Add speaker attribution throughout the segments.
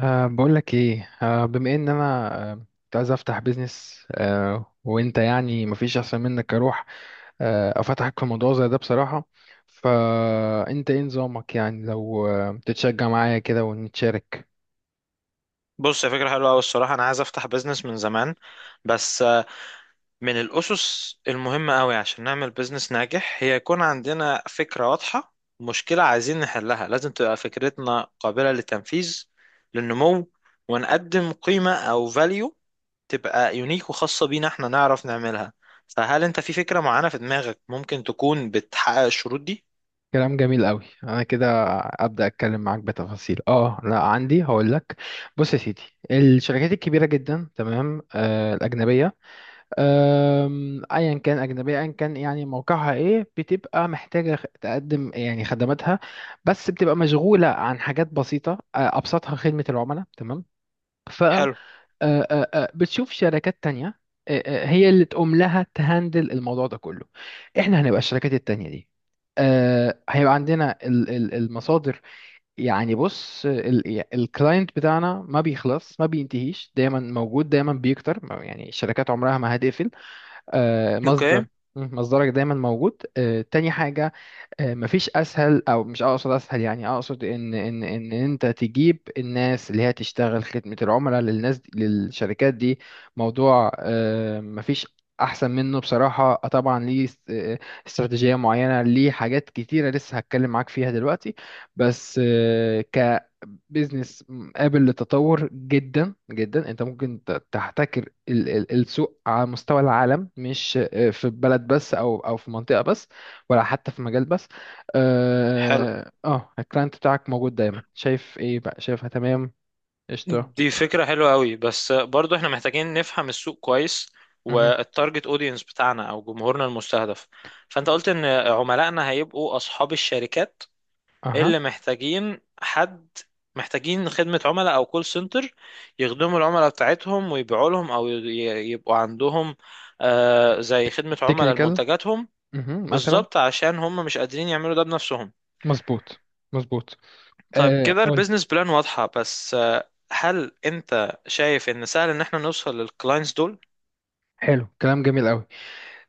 Speaker 1: بقول لك ايه، بما ان انا كنت عايز افتح بيزنس، وانت يعني مفيش احسن منك اروح افتحك في موضوع زي ده بصراحة. فانت ايه نظامك؟ يعني لو تتشجع معايا كده ونتشارك.
Speaker 2: بص، يا فكرة حلوة أوي الصراحة. أنا عايز أفتح بيزنس من زمان، بس من الأسس المهمة أوي عشان نعمل بيزنس ناجح هي يكون عندنا فكرة واضحة، مشكلة عايزين نحلها. لازم تبقى فكرتنا قابلة للتنفيذ، للنمو، ونقدم قيمة أو فاليو، تبقى يونيك وخاصة بينا، احنا نعرف نعملها. فهل أنت في فكرة معينة في دماغك ممكن تكون بتحقق الشروط دي؟
Speaker 1: كلام جميل قوي. انا كده ابدا اتكلم معاك بتفاصيل. اه لا عندي، هقول لك. بص يا سيدي، الشركات الكبيرة جدا، تمام، الاجنبية. ايا كان اجنبيه ايا كان، يعني موقعها ايه؟ بتبقى محتاجه تقدم يعني خدماتها. بس بتبقى مشغوله عن حاجات بسيطه. ابسطها خدمه العملاء، تمام. ف أه،
Speaker 2: حلو.
Speaker 1: أه، أه، بتشوف شركات تانية أه، هي اللي تقوم لها تهندل الموضوع ده كله. احنا هنبقى الشركات التانية دي. هيبقى عندنا المصادر. يعني بص، الكلاينت بتاعنا ما بيخلص، ما بينتهيش، دايما موجود، دايما بيكتر، يعني الشركات عمرها ما هتقفل. مصدر،
Speaker 2: أوكي.
Speaker 1: مصدرك دايما موجود. تاني حاجة، مفيش اسهل، او مش اقصد اسهل، يعني اقصد ان انت تجيب الناس اللي هي تشتغل خدمة العملاء للناس دي، للشركات دي. موضوع مفيش احسن منه بصراحة. طبعا ليه استراتيجية معينة، ليه حاجات كتيرة لسه هتكلم معاك فيها دلوقتي، بس بيزنس قابل للتطور جدا جدا. انت ممكن تحتكر السوق على مستوى العالم، مش في بلد بس، او في منطقة بس، ولا حتى في مجال بس.
Speaker 2: حلو،
Speaker 1: الكلاينت بتاعك موجود دايما. شايف ايه بقى؟ شايفها تمام؟ قشطة.
Speaker 2: دي فكرة حلوة قوي، بس برضو احنا محتاجين نفهم السوق كويس،
Speaker 1: مهم.
Speaker 2: والتارجت اودينس بتاعنا او جمهورنا المستهدف. فانت قلت ان عملائنا هيبقوا اصحاب الشركات
Speaker 1: اها.
Speaker 2: اللي محتاجين حد، محتاجين خدمة عملاء او كول سنتر، يخدموا العملاء بتاعتهم ويبيعوا لهم، او يبقوا عندهم زي خدمة عملاء
Speaker 1: تكنيكال.
Speaker 2: لمنتجاتهم.
Speaker 1: مثلا.
Speaker 2: بالظبط، عشان هم مش قادرين يعملوا ده بنفسهم.
Speaker 1: مظبوط، مظبوط.
Speaker 2: طيب، كده
Speaker 1: قولي.
Speaker 2: البيزنس بلان واضحة، بس هل انت شايف ان سهل ان احنا نوصل للكلاينتس دول؟
Speaker 1: حلو، كلام جميل قوي.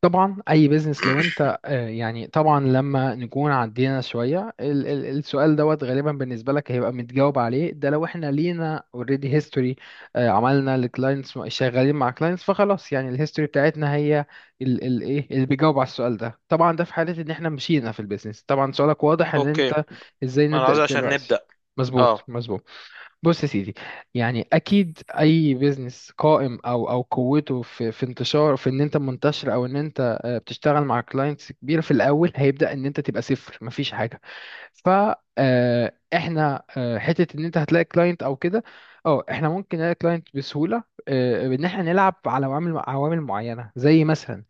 Speaker 1: طبعا اي بيزنس، لو انت يعني طبعا لما نكون عدينا شويه ال ال السؤال دوت، غالبا بالنسبه لك هيبقى متجاوب عليه، ده لو احنا لينا اوريدي هيستوري، عملنا لكلاينتس، شغالين مع كلاينتس، فخلاص يعني الهيستوري بتاعتنا هي ال ال ايه اللي بيجاوب على السؤال ده. طبعا ده في حاله ان احنا مشينا في البيزنس. طبعا سؤالك واضح ان
Speaker 2: اوكي،
Speaker 1: انت ازاي
Speaker 2: انا
Speaker 1: نبدا
Speaker 2: عاوز عشان
Speaker 1: دلوقتي.
Speaker 2: نبدأ.
Speaker 1: مظبوط،
Speaker 2: اه.
Speaker 1: مظبوط. بص يا سيدي، يعني اكيد اي بيزنس قائم، او قوته في انتشار، في ان انت منتشر، او ان انت بتشتغل مع كلاينتس كبيره. في الاول هيبدا ان انت تبقى صفر، مفيش حاجه. ف آه، احنا حته ان انت هتلاقي كلاينت او كده. اه، احنا ممكن نلاقي كلاينت بسهوله. ان احنا نلعب على عوامل معينه، زي مثلا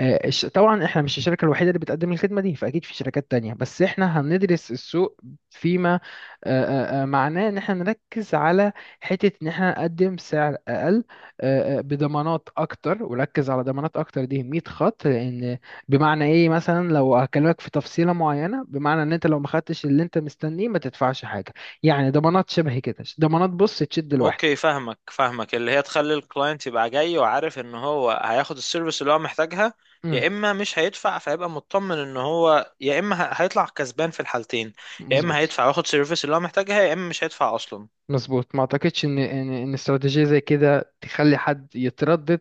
Speaker 1: طبعا احنا مش الشركة الوحيدة اللي بتقدم الخدمة دي، فأكيد في شركات تانية بس احنا هندرس السوق فيما آه، معناه ان احنا نركز على حتة ان احنا نقدم سعر أقل بضمانات أكتر. وركز على ضمانات أكتر دي 100 خط، لأن بمعنى ايه؟ مثلا لو هكلمك في تفصيلة معينة، بمعنى ان انت لو ما خدتش اللي انت مستنيه ما تدفعش حاجة. يعني ضمانات شبه كده، ضمانات بص تشد الواحد.
Speaker 2: اوكي، فاهمك، اللي هي تخلي الكلاينت يبقى جاي وعارف ان هو هياخد السيرفيس اللي هو محتاجها،
Speaker 1: مم،
Speaker 2: يا اما مش هيدفع، فيبقى مطمن ان هو يا اما هيطلع كسبان في الحالتين. يا اما
Speaker 1: مظبوط،
Speaker 2: هيدفع وياخد سيرفيس اللي هو محتاجها، يا اما مش هيدفع اصلا.
Speaker 1: مظبوط. ما اعتقدش ان استراتيجيه زي كده تخلي حد يتردد،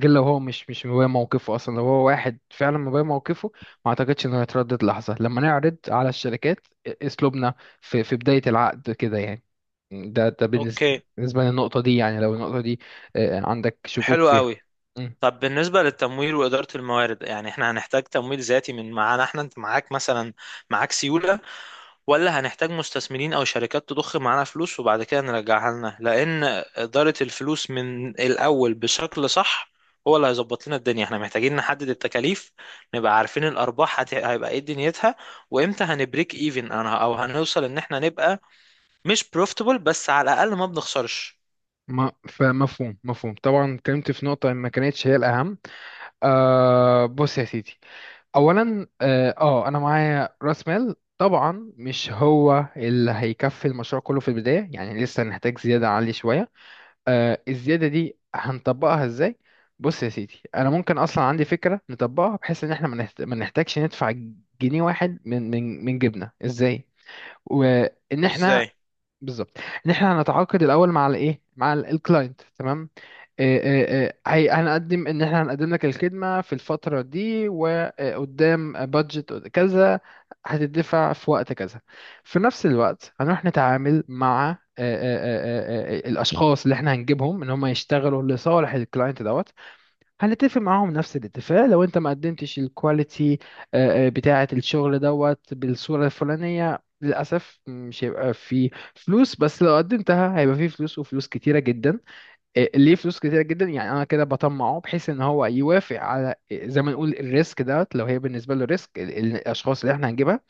Speaker 1: غير لو هو مش مبين موقفه اصلا. لو هو واحد فعلا مبين موقفه، ما اعتقدش انه يتردد لحظه لما نعرض على الشركات اسلوبنا في بدايه العقد كده يعني. ده بالنسبه
Speaker 2: اوكي.
Speaker 1: بالنسبه للنقطه دي، يعني لو النقطه دي عندك شكوك
Speaker 2: حلو
Speaker 1: فيها.
Speaker 2: قوي.
Speaker 1: مم.
Speaker 2: طب بالنسبة للتمويل وإدارة الموارد، يعني احنا هنحتاج تمويل ذاتي من معانا احنا؟ انت معاك مثلا، معاك سيولة؟ ولا هنحتاج مستثمرين أو شركات تضخ معانا فلوس وبعد كده نرجعها لنا؟ لأن إدارة الفلوس من الأول بشكل صح هو اللي هيظبط لنا الدنيا. احنا محتاجين نحدد التكاليف، نبقى عارفين الأرباح هيبقى ايه دنيتها، وامتى هنبريك ايفن انا، او هنوصل ان احنا نبقى مش بروفيتبل بس على الأقل ما بنخسرش.
Speaker 1: ما فمفهوم، مفهوم. طبعا اتكلمت في نقطة ما كانتش هي الأهم. بص يا سيدي، اولا انا معايا راس مال طبعا مش هو اللي هيكفي المشروع كله في البدايه، يعني لسه نحتاج زياده عاليه شويه. الزياده دي هنطبقها ازاي؟ بص يا سيدي، انا ممكن اصلا عندي فكره نطبقها بحيث ان احنا ما نحتاجش ندفع جنيه واحد من جيبنا. ازاي؟ وان احنا
Speaker 2: ازاي؟
Speaker 1: بالظبط، ان احنا هنتعاقد الاول مع الايه، مع الكلاينت تمام. هنقدم ان احنا هنقدم لك الخدمه في الفتره دي، وقدام بادجت كذا هتدفع في وقت كذا. في نفس الوقت هنروح نتعامل مع الاشخاص اللي احنا هنجيبهم ان هم يشتغلوا لصالح الكلاينت دوت. هنتفق معاهم نفس الاتفاق، لو انت ما قدمتش الكواليتي بتاعة الشغل دوت بالصورة الفلانية للأسف مش هيبقى في فلوس، بس لو قدمتها هيبقى في فلوس، وفلوس كتيرة جدا. ليه فلوس كتيرة جدا؟ يعني أنا كده بطمعه بحيث إن هو يوافق على زي ما نقول الريسك دوت. لو هي بالنسبة له ريسك الأشخاص اللي احنا هنجيبها،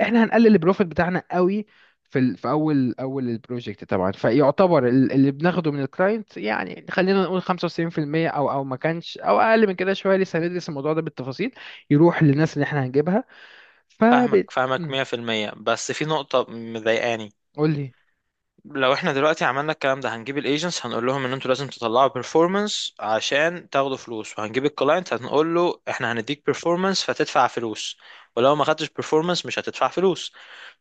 Speaker 1: احنا هنقلل البروفيت بتاعنا قوي في في اول البروجكت طبعا. فيعتبر اللي بناخده من الكلاينت، يعني خلينا نقول 95%، او ما كانش، او اقل من كده شويه، لسه هندرس الموضوع ده بالتفاصيل، يروح للناس اللي احنا هنجيبها.
Speaker 2: فاهمك
Speaker 1: فب
Speaker 2: فاهمك
Speaker 1: مم.
Speaker 2: 100%، بس في نقطة مضايقاني.
Speaker 1: قول لي.
Speaker 2: لو احنا دلوقتي عملنا الكلام ده، هنجيب الايجنتس هنقول لهم ان انتوا لازم تطلعوا بيرفورمانس عشان تاخدوا فلوس، وهنجيب الكلاينت هنقول له احنا هنديك بيرفورمانس فتدفع فلوس، ولو ما خدتش بيرفورمانس مش هتدفع فلوس.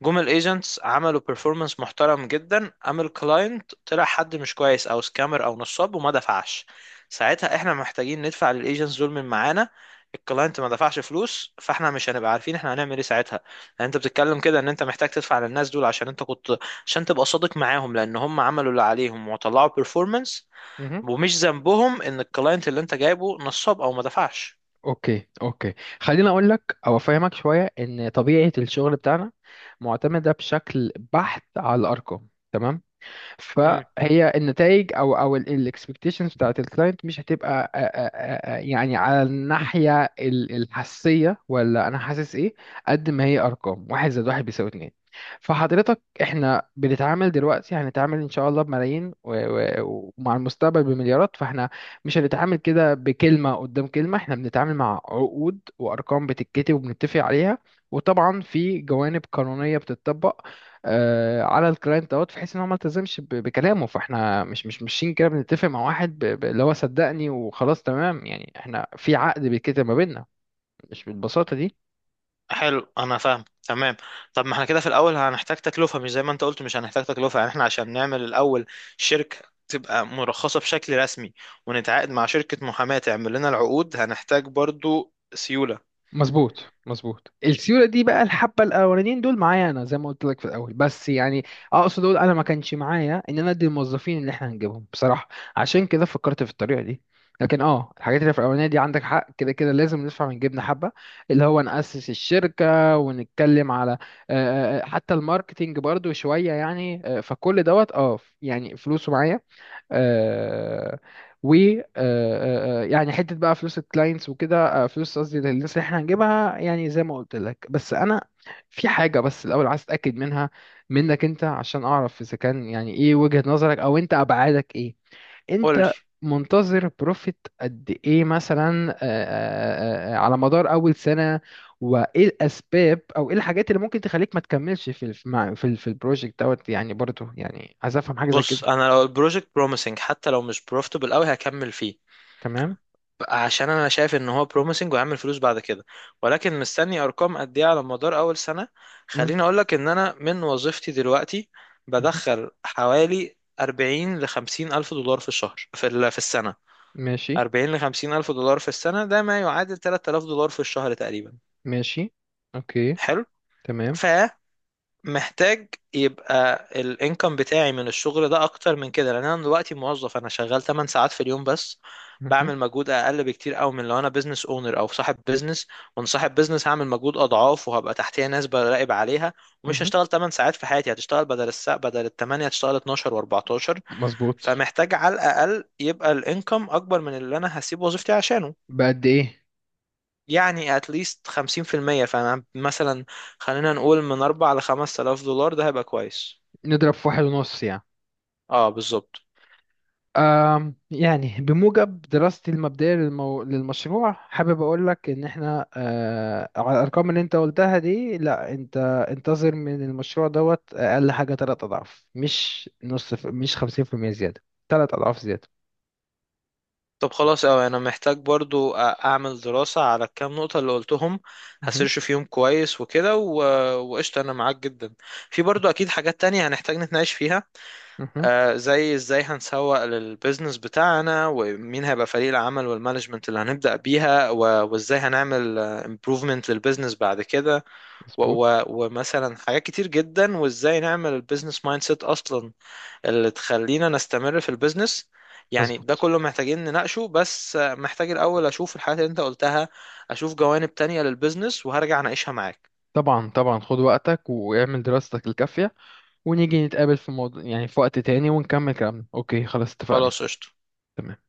Speaker 2: جم الايجنتس عملوا بيرفورمانس محترم جدا، قام الكلاينت طلع حد مش كويس او سكامر او نصاب وما دفعش. ساعتها احنا محتاجين ندفع للايجنتس دول من معانا. الكلاينت ما دفعش فلوس، فاحنا مش هنبقى عارفين احنا هنعمل ايه ساعتها. يعني انت بتتكلم كده ان انت محتاج تدفع للناس دول، عشان انت كنت، عشان تبقى صادق معاهم، لان هم عملوا اللي عليهم وطلعوا بيرفورمانس،
Speaker 1: مهم.
Speaker 2: ومش ذنبهم ان الكلاينت اللي انت جايبه نصاب او ما دفعش.
Speaker 1: اوكي، اوكي، خليني اقول لك او افهمك شويه ان طبيعه الشغل بتاعنا معتمده بشكل بحت على الارقام، تمام؟
Speaker 2: امم.
Speaker 1: فهي النتائج او الاكسبكتيشنز بتاعت الكلاينت مش هتبقى يعني على الناحيه الحسيه، ولا انا حاسس ايه. قد ما هي ارقام، واحد زائد واحد بيساوي اتنين. فحضرتك احنا بنتعامل دلوقتي، هنتعامل ان شاء الله بملايين ومع المستقبل بمليارات. فاحنا مش هنتعامل كده بكلمه قدام كلمه، احنا بنتعامل مع عقود وارقام بتتكتب وبنتفق عليها. وطبعا في جوانب قانونيه بتتطبق على الكلاينت دوت، بحيث ان هو ما التزمش بكلامه. فاحنا مش ماشيين كده بنتفق مع واحد اللي هو صدقني وخلاص، تمام يعني احنا في عقد بيتكتب ما بيننا، مش بالبساطه دي.
Speaker 2: حلو، انا فاهم تمام. طب ما احنا كده في الاول هنحتاج تكلفه، مش زي ما انت قلت مش هنحتاج تكلفه. يعني احنا عشان نعمل الاول شركه تبقى مرخصه بشكل رسمي، ونتعاقد مع شركه محاماه تعمل لنا العقود، هنحتاج برضو سيوله.
Speaker 1: مظبوط، مظبوط. السيوله دي بقى، الحبه الاولانيين دول معايا انا زي ما قلت لك في الاول، بس يعني اقصد اقول انا ما كانش معايا ان انا ادي الموظفين اللي احنا هنجيبهم بصراحه، عشان كده فكرت في الطريقه دي. لكن الحاجات اللي في الاولانيه دي عندك حق، كده كده لازم ندفع من جيبنا حبه اللي هو ناسس الشركه، ونتكلم على حتى الماركتينج برضو شويه يعني. فكل دوت يعني فلوسه معايا. آه و يعني حته بقى فلوس الكلاينتس وكده. فلوس قصدي للناس اللي احنا هنجيبها، يعني زي ما قلت لك. بس انا في حاجه بس الاول عايز اتاكد منها منك انت، عشان اعرف اذا كان يعني ايه وجهه نظرك، او انت ابعادك ايه.
Speaker 2: قول لي.
Speaker 1: انت منتظر بروفيت قد ايه مثلا على مدار اول سنه؟ وايه الاسباب، او ايه الحاجات اللي ممكن تخليك ما تكملش في ال- مع- في ال- في البروجكت دوت؟ يعني برضه، يعني عايز افهم حاجه زي كده.
Speaker 2: بص، انا لو البروجكت بروميسنج حتى لو مش بروفيتبل قوي هكمل فيه،
Speaker 1: تمام.
Speaker 2: عشان انا شايف ان هو بروميسنج وهيعمل فلوس بعد كده. ولكن مستني ارقام قد ايه على مدار اول سنه. خليني اقول لك ان انا من وظيفتي دلوقتي
Speaker 1: مهم.
Speaker 2: بدخل حوالي 40 ل 50 الف دولار في الشهر، في السنه.
Speaker 1: ماشي.
Speaker 2: 40 ل 50 الف دولار في السنه ده ما يعادل 3000 دولار في الشهر تقريبا.
Speaker 1: ماشي. اوكي.
Speaker 2: حلو.
Speaker 1: تمام.
Speaker 2: ف محتاج يبقى الانكم بتاعي من الشغل ده اكتر من كده، لان انا دلوقتي موظف، انا شغال 8 ساعات في اليوم بس،
Speaker 1: مهم.
Speaker 2: بعمل مجهود اقل بكتير قوي من لو انا بزنس اونر او صاحب بزنس. وانا صاحب بزنس هعمل مجهود اضعاف، وهبقى تحتيه ناس براقب عليها، ومش
Speaker 1: مهم.
Speaker 2: هشتغل 8 ساعات في حياتي، هتشتغل بدل الساعة، بدل ال 8 هتشتغل 12 و14.
Speaker 1: مظبوط.
Speaker 2: فمحتاج على الاقل يبقى الانكم اكبر من اللي انا هسيب وظيفتي عشانه.
Speaker 1: بقد ايه؟
Speaker 2: يعني اتليست 50%. فانا مثلا، خلينا نقول من 4 ل 5000 دولار، ده هيبقى كويس.
Speaker 1: نضرب في واحد ونص يعني؟
Speaker 2: اه، بالظبط.
Speaker 1: يعني بموجب دراستي المبدئية للمشروع، حابب أقول لك إن إحنا على الأرقام اللي أنت قلتها دي، لا أنت انتظر من المشروع دوت أقل حاجة تلات أضعاف، مش نص مش 50% زيادة. تلات أضعاف زيادة.
Speaker 2: طب خلاص، اوي انا محتاج برضو اعمل دراسة على الكام نقطة اللي قلتهم،
Speaker 1: مهم.
Speaker 2: هسيرش فيهم كويس وكده، وقشطة، انا معاك جدا. في برضو اكيد حاجات تانية هنحتاج نتناقش فيها،
Speaker 1: مهم.
Speaker 2: زي ازاي هنسوق للبيزنس بتاعنا، ومين هيبقى فريق العمل والمانجمنت اللي هنبدأ بيها، وازاي هنعمل امبروفمنت للبيزنس بعد كده،
Speaker 1: مظبوط،
Speaker 2: ومثلا حاجات كتير جدا، وازاي نعمل البيزنس مايند سيت اصلا اللي تخلينا نستمر في البيزنس. يعني ده
Speaker 1: مظبوط.
Speaker 2: كله محتاجين نناقشه، بس محتاج الأول أشوف الحاجات اللي أنت قلتها، أشوف جوانب تانية للبيزنس وهرجع أناقشها معاك.
Speaker 1: طبعا، طبعا، خد وقتك واعمل دراستك الكافية، ونيجي نتقابل في موضوع يعني في وقت تاني ونكمل كلامنا. اوكي، خلاص، اتفقنا.
Speaker 2: خلاص، قشطة.
Speaker 1: تمام